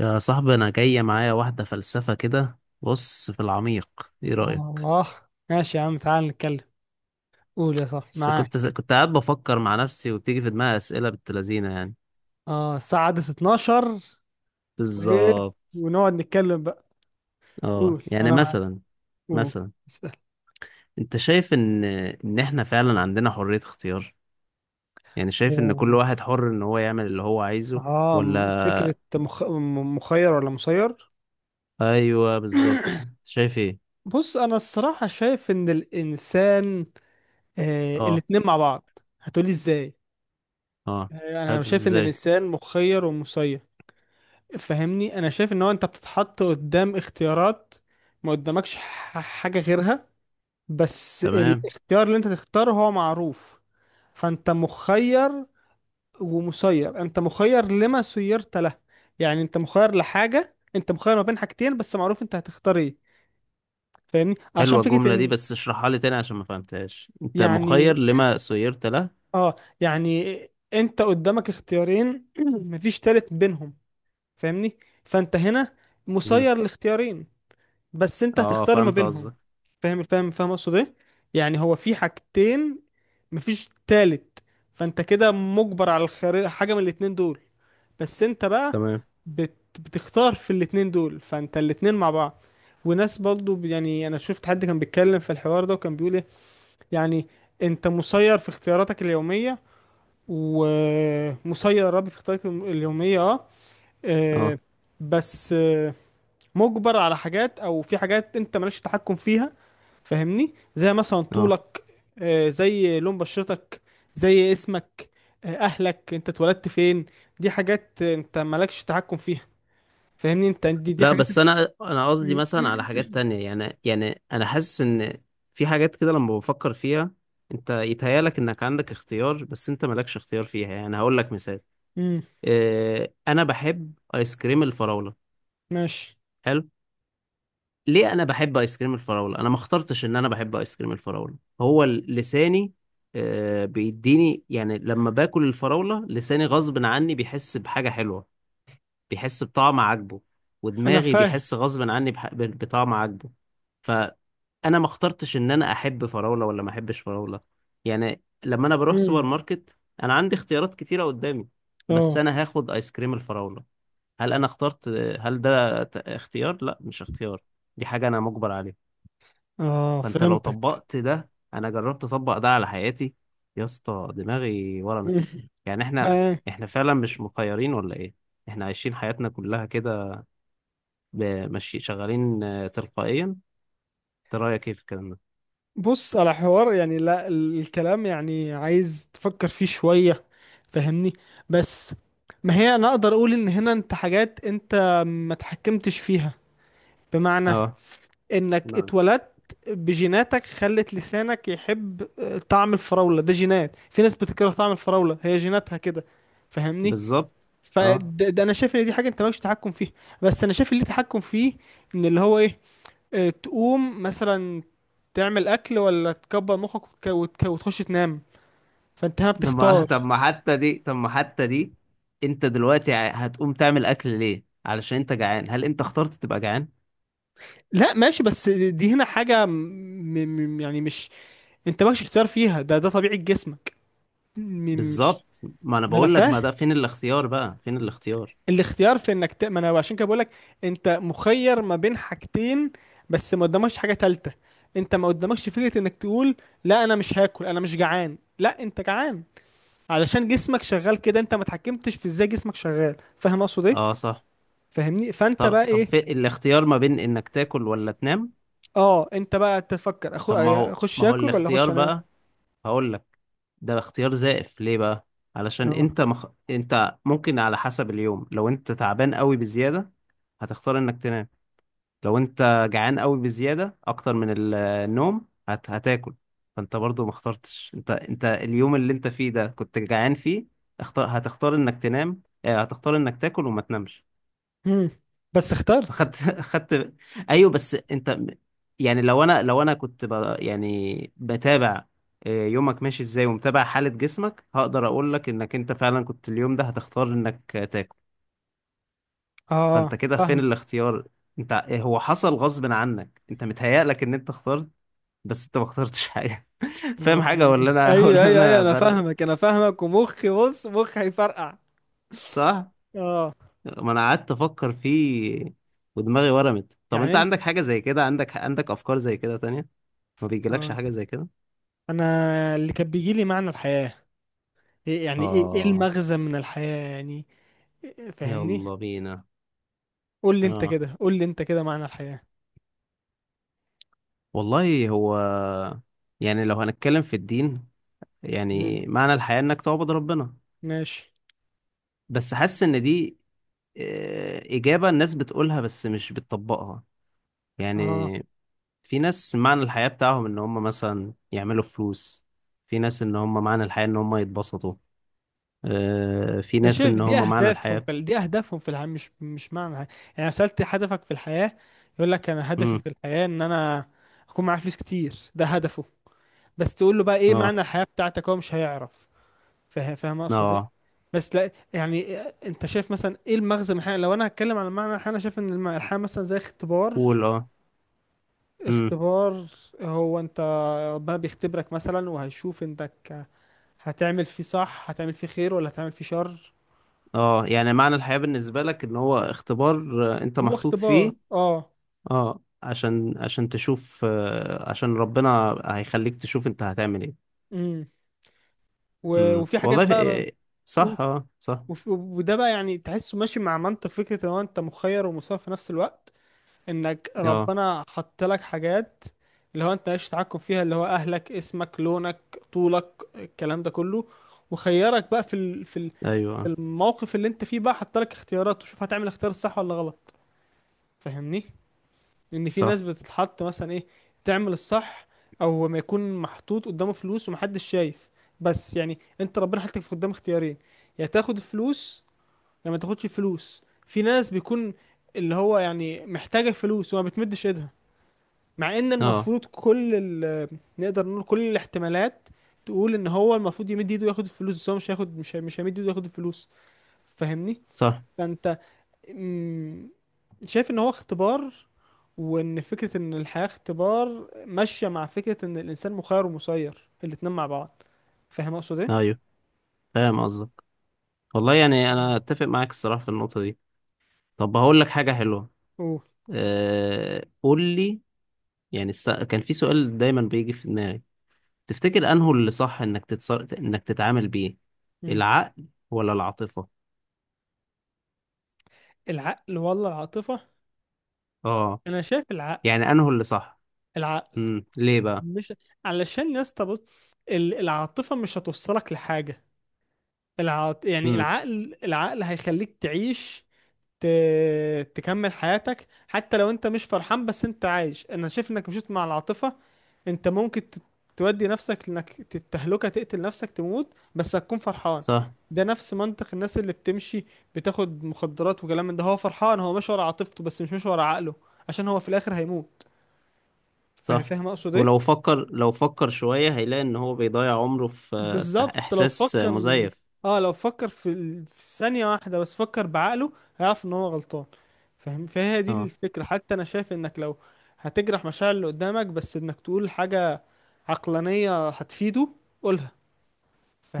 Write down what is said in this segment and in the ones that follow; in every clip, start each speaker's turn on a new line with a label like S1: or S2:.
S1: يا صاحبي انا جاية معايا واحدة فلسفة كده، بص في العميق، ايه
S2: سبحان
S1: رأيك؟
S2: الله. ماشي يا عم، تعال نتكلم. قول يا صاحبي
S1: بس كنت
S2: معاك.
S1: كنت قاعد بفكر مع نفسي وبتيجي في دماغي أسئلة بنت لذينة يعني.
S2: اه، الساعة عدت 12. وايه؟
S1: بالظبط.
S2: ونقعد نتكلم بقى.
S1: اه،
S2: قول انا معاك.
S1: مثلا.
S2: قول.
S1: مثلا،
S2: اسأل.
S1: انت شايف ان احنا فعلا عندنا حرية اختيار؟ يعني شايف ان كل واحد حر ان هو يعمل اللي هو عايزه
S2: اه،
S1: ولا؟
S2: مخير ولا مسير؟
S1: ايوه بالظبط، شايف ايه؟
S2: بص، انا الصراحة شايف ان الانسان. آه
S1: اه.
S2: الاتنين مع بعض، هتقولي ازاي؟
S1: اه.
S2: آه، انا
S1: حلو،
S2: شايف ان
S1: ازاي؟
S2: الانسان مخير ومسير. فهمني، انا شايف ان هو انت بتتحط قدام اختيارات. ما قدامكش حاجة غيرها. بس
S1: تمام.
S2: الاختيار اللي انت تختاره هو معروف. فانت مخير. ومسير انت مخير لما سيرت له. يعني انت مخير لحاجة، انت مخير ما بين حاجتين بس معروف انت هتختار ايه. فاهمني، عشان
S1: حلوة
S2: فكرة
S1: الجملة دي،
S2: ان
S1: بس اشرحها لي تاني عشان ما فهمتهاش، انت
S2: يعني.
S1: مخير لما سيرت له؟
S2: اه يعني انت قدامك اختيارين مفيش تالت بينهم. فاهمني. فانت هنا
S1: مم.
S2: مسير لاختيارين، بس انت
S1: اه
S2: هتختار ما
S1: فهمت
S2: بينهم.
S1: قصدك.
S2: فاهم فاهم فاهم اقصد ايه؟ يعني هو في حاجتين، مفيش تالت. فانت كده مجبر على الخيار حاجه من الاتنين دول. بس انت بقى
S1: تمام.
S2: بتختار في الاتنين دول، فانت الاتنين مع بعض. وناس برضو يعني، انا شفت حد كان بيتكلم في الحوار ده وكان بيقول ايه، يعني انت مسير في اختياراتك اليوميه. ومسير يا ربي في اختياراتك اليوميه، اه
S1: اه.
S2: آه، بس آه، مجبر على حاجات او في حاجات انت مالكش تحكم فيها. فاهمني، زي مثلا
S1: اه.
S2: طولك، آه، زي لون بشرتك، زي اسمك، آه، اهلك، انت اتولدت فين. دي حاجات آه، انت مالكش تحكم فيها. فاهمني، انت دي
S1: لا
S2: حاجات انت...
S1: بس انا قصدي
S2: مم،
S1: مثلا على
S2: مم،
S1: حاجات تانية، يعني انا حاسس ان في حاجات كده لما بفكر فيها، انت يتهيالك انك عندك اختيار بس انت مالكش اختيار فيها. يعني هقول لك مثال:
S2: مم،
S1: انا بحب ايس كريم الفراولة.
S2: ماشي،
S1: حلو. ليه انا بحب ايس كريم الفراولة؟ انا ما اخترتش ان انا بحب ايس كريم الفراولة، هو لساني بيديني، يعني لما باكل الفراولة لساني غصب عني بيحس بحاجة حلوة، بيحس بطعم عاجبه،
S2: انا
S1: ودماغي
S2: فاهم.
S1: بيحس غصب عني بطعم عاجبه. فانا ما اخترتش ان انا احب فراولة ولا ما احبش فراولة. يعني لما انا بروح سوبر
S2: مم،
S1: ماركت، انا عندي اختيارات كتيرة قدامي، بس
S2: اه
S1: انا هاخد ايس كريم الفراولة. هل انا اخترت؟ هل ده اختيار؟ لا مش اختيار، دي حاجة انا مجبر عليها.
S2: اه،
S1: فانت لو
S2: فهمتك.
S1: طبقت ده، انا جربت اطبق ده على حياتي، يا اسطى دماغي ورمت. يعني احنا،
S2: مم.
S1: احنا فعلا مش مخيرين ولا ايه؟ احنا عايشين حياتنا كلها كده، ب- ماشي شغالين تلقائيا. انت رايك ايه في الكلام ده؟
S2: بص على حوار يعني، لا، الكلام يعني عايز تفكر فيه شوية. فاهمني، بس ما هي انا اقدر اقول ان هنا انت حاجات انت ما تحكمتش فيها، بمعنى
S1: اه.
S2: انك
S1: نعم.
S2: اتولدت بجيناتك خلت لسانك يحب آه، طعم الفراولة. ده جينات، في ناس بتكره طعم الفراولة، هي جيناتها كده. فاهمني،
S1: بالظبط. اه.
S2: فده انا شايف ان دي حاجة انت مالكش تحكم فيها. بس انا شايف اللي تحكم فيه، ان اللي هو ايه، آه، تقوم مثلا تعمل اكل ولا تكبر مخك وتخش تنام. فانت هنا
S1: طب ما
S2: بتختار.
S1: طب ما حتى دي، طب ما حتى دي، انت دلوقتي هتقوم تعمل اكل ليه؟ علشان انت جعان. هل انت اخترت تبقى جعان؟
S2: لا ماشي، بس دي هنا حاجة يعني مش، انت مالكش اختيار فيها. ده طبيعة جسمك. مش.
S1: بالظبط، ما انا
S2: ما انا
S1: بقول لك، ما
S2: فاهم.
S1: ده فين الاختيار بقى، فين الاختيار؟
S2: الاختيار في انك ما انا عشان كده بقولك، انت مخير ما بين حاجتين بس ما قدامكش حاجة تالتة. انت ما قدامكش فكرة انك تقول لا، انا مش هاكل، انا مش جعان. لا، انت جعان، علشان جسمك شغال كده. انت ما اتحكمتش في ازاي جسمك شغال، فاهم اقصد ايه؟
S1: اه صح.
S2: فاهمني، فانت
S1: طب،
S2: بقى
S1: طب
S2: ايه.
S1: في الاختيار ما بين انك تاكل ولا تنام،
S2: اه، انت بقى تفكر
S1: طب ما هو،
S2: اخش
S1: ما هو
S2: اكل ولا اخش.
S1: الاختيار
S2: انا
S1: بقى؟ هقول لك، ده اختيار زائف. ليه بقى؟ علشان
S2: اه.
S1: انت مخ... انت ممكن على حسب اليوم، لو انت تعبان قوي بزيادة هتختار انك تنام، لو انت جعان قوي بزيادة اكتر من النوم هت... هتاكل. فانت برضو ما اخترتش، انت انت اليوم اللي انت فيه ده كنت جعان فيه، اختار هتختار انك تنام، اه هتختار انك تاكل وما تنامش.
S2: مم. بس اخترت.
S1: فخدت خدت. ايوه بس يعني لو انا، لو انا كنت ب... يعني بتابع يومك ماشي ازاي، ومتابع حالة جسمك، هقدر اقول لك انك انت فعلا كنت اليوم ده هتختار انك تاكل.
S2: اه
S1: فانت كده فين
S2: فاهم.
S1: الاختيار؟ انت هو حصل غصب عنك، انت متهيألك ان انت اخترت، بس انت ما اخترتش حاجة
S2: آه.
S1: فاهم حاجة ولا انا، ولا
S2: ايوه ايوه ايوه،
S1: انا
S2: انا
S1: برغي؟
S2: فاهمك انا فاهمك، ومخي، بص مخي هيفرقع.
S1: صح.
S2: اه،
S1: ما انا قعدت افكر فيه ودماغي ورمت. طب
S2: يعني
S1: انت
S2: انت
S1: عندك حاجة زي كده؟ عندك، عندك افكار زي كده تانية؟ ما بيجيلكش
S2: آه.
S1: حاجة زي كده؟
S2: انا، اللي كان بيجي لي معنى الحياة، إيه يعني؟ ايه ايه
S1: آه.
S2: المغزى من الحياة يعني. فاهمني،
S1: يلا بينا.
S2: قول لي انت
S1: آه،
S2: كده، قول لي انت كده، معنى الحياة.
S1: والله هو، يعني لو هنتكلم في الدين،
S2: مم.
S1: يعني معنى الحياة إنك تعبد ربنا.
S2: ماشي.
S1: بس حاسس إن دي إجابة الناس بتقولها بس مش بتطبقها.
S2: اه،
S1: يعني في ناس معنى الحياة بتاعهم إن هم مثلا يعملوا فلوس، في ناس إن هم معنى الحياة إن هم يتبسطوا، في
S2: انا
S1: ناس
S2: شايف
S1: إن هم معنى الحياة.
S2: دي اهدافهم في الحياه، مش معنى حاجة. يعني أنا سالت هدفك في الحياه، يقول لك انا هدفي
S1: مم.
S2: في الحياه ان انا اكون معايا فلوس كتير، ده هدفه. بس تقول له بقى ايه
S1: آه.
S2: معنى الحياه بتاعتك، هو مش هيعرف. فاهم اقصد ايه؟
S1: آه
S2: بس لا، يعني انت شايف مثلا ايه المغزى من الحياه. لو انا هتكلم عن معنى الحياه، انا شايف ان الحياه مثلا زي اختبار.
S1: قول. آه.
S2: اختبار، هو انت ربنا بيختبرك مثلا، وهيشوف انتك هتعمل فيه صح، هتعمل فيه خير ولا هتعمل فيه شر.
S1: اه يعني معنى الحياة بالنسبة لك ان هو اختبار انت
S2: هو
S1: محطوط
S2: اختبار،
S1: فيه.
S2: اه.
S1: اه عشان، عشان تشوف عشان ربنا هيخليك تشوف انت هتعمل ايه.
S2: وفي حاجات
S1: والله
S2: بقى.
S1: إيه،
S2: و-
S1: صح اه صح.
S2: وده بقى يعني، تحسه ماشي مع منطق فكرة ان هو انت مخير ومسير في نفس الوقت، انك
S1: اه.
S2: ربنا حط لك حاجات اللي هو انت مالكش تحكم فيها، اللي هو اهلك، اسمك، لونك، طولك، الكلام ده كله. وخيرك بقى
S1: ايوه.
S2: الموقف اللي انت فيه بقى، حط لك اختيارات وشوف هتعمل اختيار صح ولا غلط. فاهمني، ان في ناس
S1: صح
S2: بتتحط مثلا ايه، تعمل الصح. او ما يكون محطوط قدامه فلوس ومحدش شايف، بس يعني انت ربنا حطك في قدام اختيارين، يا تاخد الفلوس يا ما تاخدش الفلوس. في ناس بيكون اللي هو يعني محتاجة الفلوس وما بتمدش ايدها، مع ان
S1: اه
S2: المفروض كل ال، نقدر نقول كل الاحتمالات تقول ان هو المفروض يمد ايده وياخد الفلوس، بس هو مش هياخد، مش هيمد ايده وياخد الفلوس. فاهمني،
S1: صح.
S2: فانت مم، شايف ان هو اختبار، وان فكرة ان الحياة اختبار ماشية مع فكرة ان الانسان مخير ومسير، الاتنين مع بعض. فاهم اقصد ايه؟
S1: ايوه فاهم قصدك. والله يعني انا اتفق معاك الصراحة في النقطة دي. طب هقول لك حاجة حلوة.
S2: اوه.
S1: آه قول لي. يعني است... كان في سؤال دايما بيجي في دماغي، تفتكر انه اللي صح انك تتصر... انك تتعامل بيه
S2: مم.
S1: العقل ولا العاطفة؟
S2: العقل ولا العاطفة.
S1: اه
S2: انا شايف العقل.
S1: يعني انه اللي صح.
S2: العقل
S1: ليه بقى؟
S2: مش، علشان يا اسطى بص، العاطفة مش هتوصلك لحاجة. يعني،
S1: امم.
S2: العقل هيخليك تعيش، ت... تكمل حياتك. حتى لو انت مش فرحان، بس انت عايش. انا شايف انك مشيت مع العاطفة، انت ممكن تودي نفسك لانك تتهلكه، تقتل نفسك، تموت، بس هتكون فرحان.
S1: صح.
S2: ده نفس منطق الناس اللي بتمشي، بتاخد مخدرات وكلام من ده، هو فرحان، هو ماشي ورا عاطفته بس مش ماشي ورا عقله، عشان هو في الاخر هيموت.
S1: صح.
S2: فاهم اقصد ايه؟
S1: ولو فكر، لو فكر شوية هيلاقي ان هو بيضيع عمره في، في
S2: بالظبط، لو
S1: احساس
S2: فكر.
S1: مزيف.
S2: اه لو فكر في ثانية واحدة بس، فكر بعقله هيعرف ان هو غلطان. فاهم، فهي دي
S1: اه.
S2: الفكرة. حتى انا شايف انك لو هتجرح مشاعر اللي قدامك، بس انك تقول حاجة عقلانية هتفيده، قولها.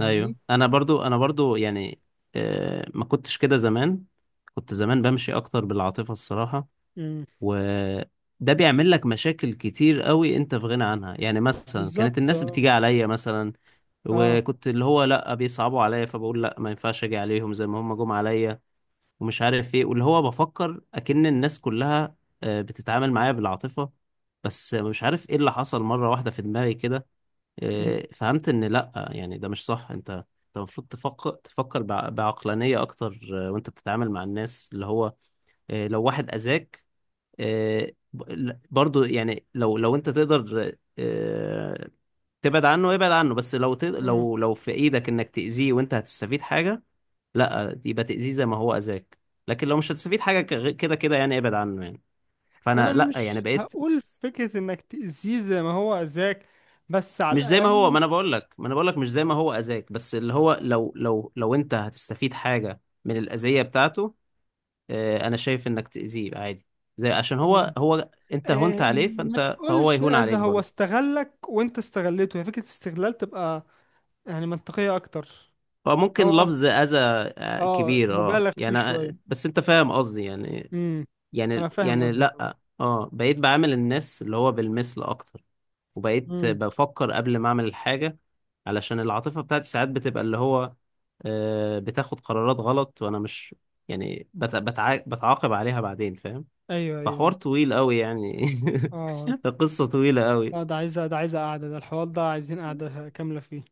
S1: ايوه انا برضو، انا برضو يعني آه ما كنتش كده زمان، كنت زمان بمشي اكتر بالعاطفة الصراحة، وده بيعمل لك مشاكل كتير قوي انت في غنى عنها. يعني مثلا كانت
S2: بالظبط.
S1: الناس
S2: اه
S1: بتيجي عليا مثلا،
S2: اه.
S1: وكنت اللي هو لا بيصعبوا عليا فبقول لا ما ينفعش اجي عليهم زي ما هم جم عليا، ومش عارف ايه، واللي هو بفكر اكن الناس كلها بتتعامل معايا بالعاطفة. بس مش عارف ايه اللي حصل، مرة واحدة في دماغي كده
S2: مم.
S1: فهمت ان لا، يعني ده مش صح، انت، انت المفروض تفكر، تفكر بعقلانية اكتر وانت بتتعامل مع الناس. اللي هو لو واحد اذاك برضو يعني، لو لو انت تقدر تبعد عنه ابعد عنه، بس لو ت...
S2: مم.
S1: لو لو في ايدك انك تأذيه وانت هتستفيد حاجة، لا يبقى تأذيه زي ما هو أذاك. لكن لو مش هتستفيد حاجة كده كده، يعني ابعد عنه يعني.
S2: انا
S1: فانا لا يعني
S2: مش
S1: بقيت.
S2: هقول فكرة انك تأذيه زي ما هو اذاك، بس على
S1: مش زي ما هو،
S2: الاقل.
S1: ما انا بقول لك، ما انا بقول لك مش زي ما هو أذاك، بس اللي هو لو، لو انت هتستفيد حاجة من الأذية بتاعته انا شايف انك تأذيه عادي. زي عشان هو،
S2: مم.
S1: هو انت هونت
S2: آه،
S1: عليه
S2: ما
S1: فانت، فهو
S2: تقولش
S1: يهون
S2: اذى،
S1: عليك
S2: هو
S1: برضه.
S2: استغلك وانت استغلته، هي فكرة استغلال تبقى يعني منطقية اكتر.
S1: هو ممكن
S2: هو،
S1: لفظ أذى
S2: اه،
S1: كبير اه
S2: مبالغ فيه
S1: يعني
S2: شوية.
S1: بس انت فاهم قصدي يعني.
S2: امم انا
S1: يعني
S2: فاهم
S1: يعني
S2: قصدك.
S1: لا اه، بقيت بعامل الناس اللي هو بالمثل اكتر. وبقيت
S2: امم
S1: بفكر قبل ما اعمل الحاجة، علشان العاطفة بتاعتي ساعات بتبقى اللي هو بتاخد قرارات غلط، وانا مش يعني بتعاقب عليها بعدين، فاهم؟
S2: ايوه ايوه.
S1: فحوار طويل قوي يعني
S2: اه،
S1: قصة طويلة قوي.
S2: لا ده عايزة، ده عايزة قعدة، ده الحوار ده عايزين قعدة كاملة فيه.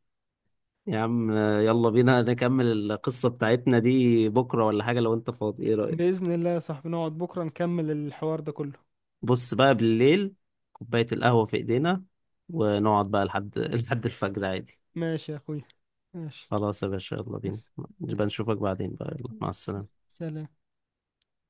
S1: يا عم يلا بينا نكمل القصة بتاعتنا دي بكرة ولا حاجة، لو انت فاضي ايه رأيك؟
S2: بإذن الله يا صاحبي نقعد بكرة نكمل الحوار ده كله.
S1: بص بقى بالليل، كوباية القهوة في ايدينا، ونقعد بقى لحد لحد الفجر عادي.
S2: ماشي يا اخوي. ماشي.
S1: خلاص يا باشا يلا بينا.
S2: ماشي.
S1: نبقى نشوفك بعدين بقى، يلا مع السلامة.
S2: سلام.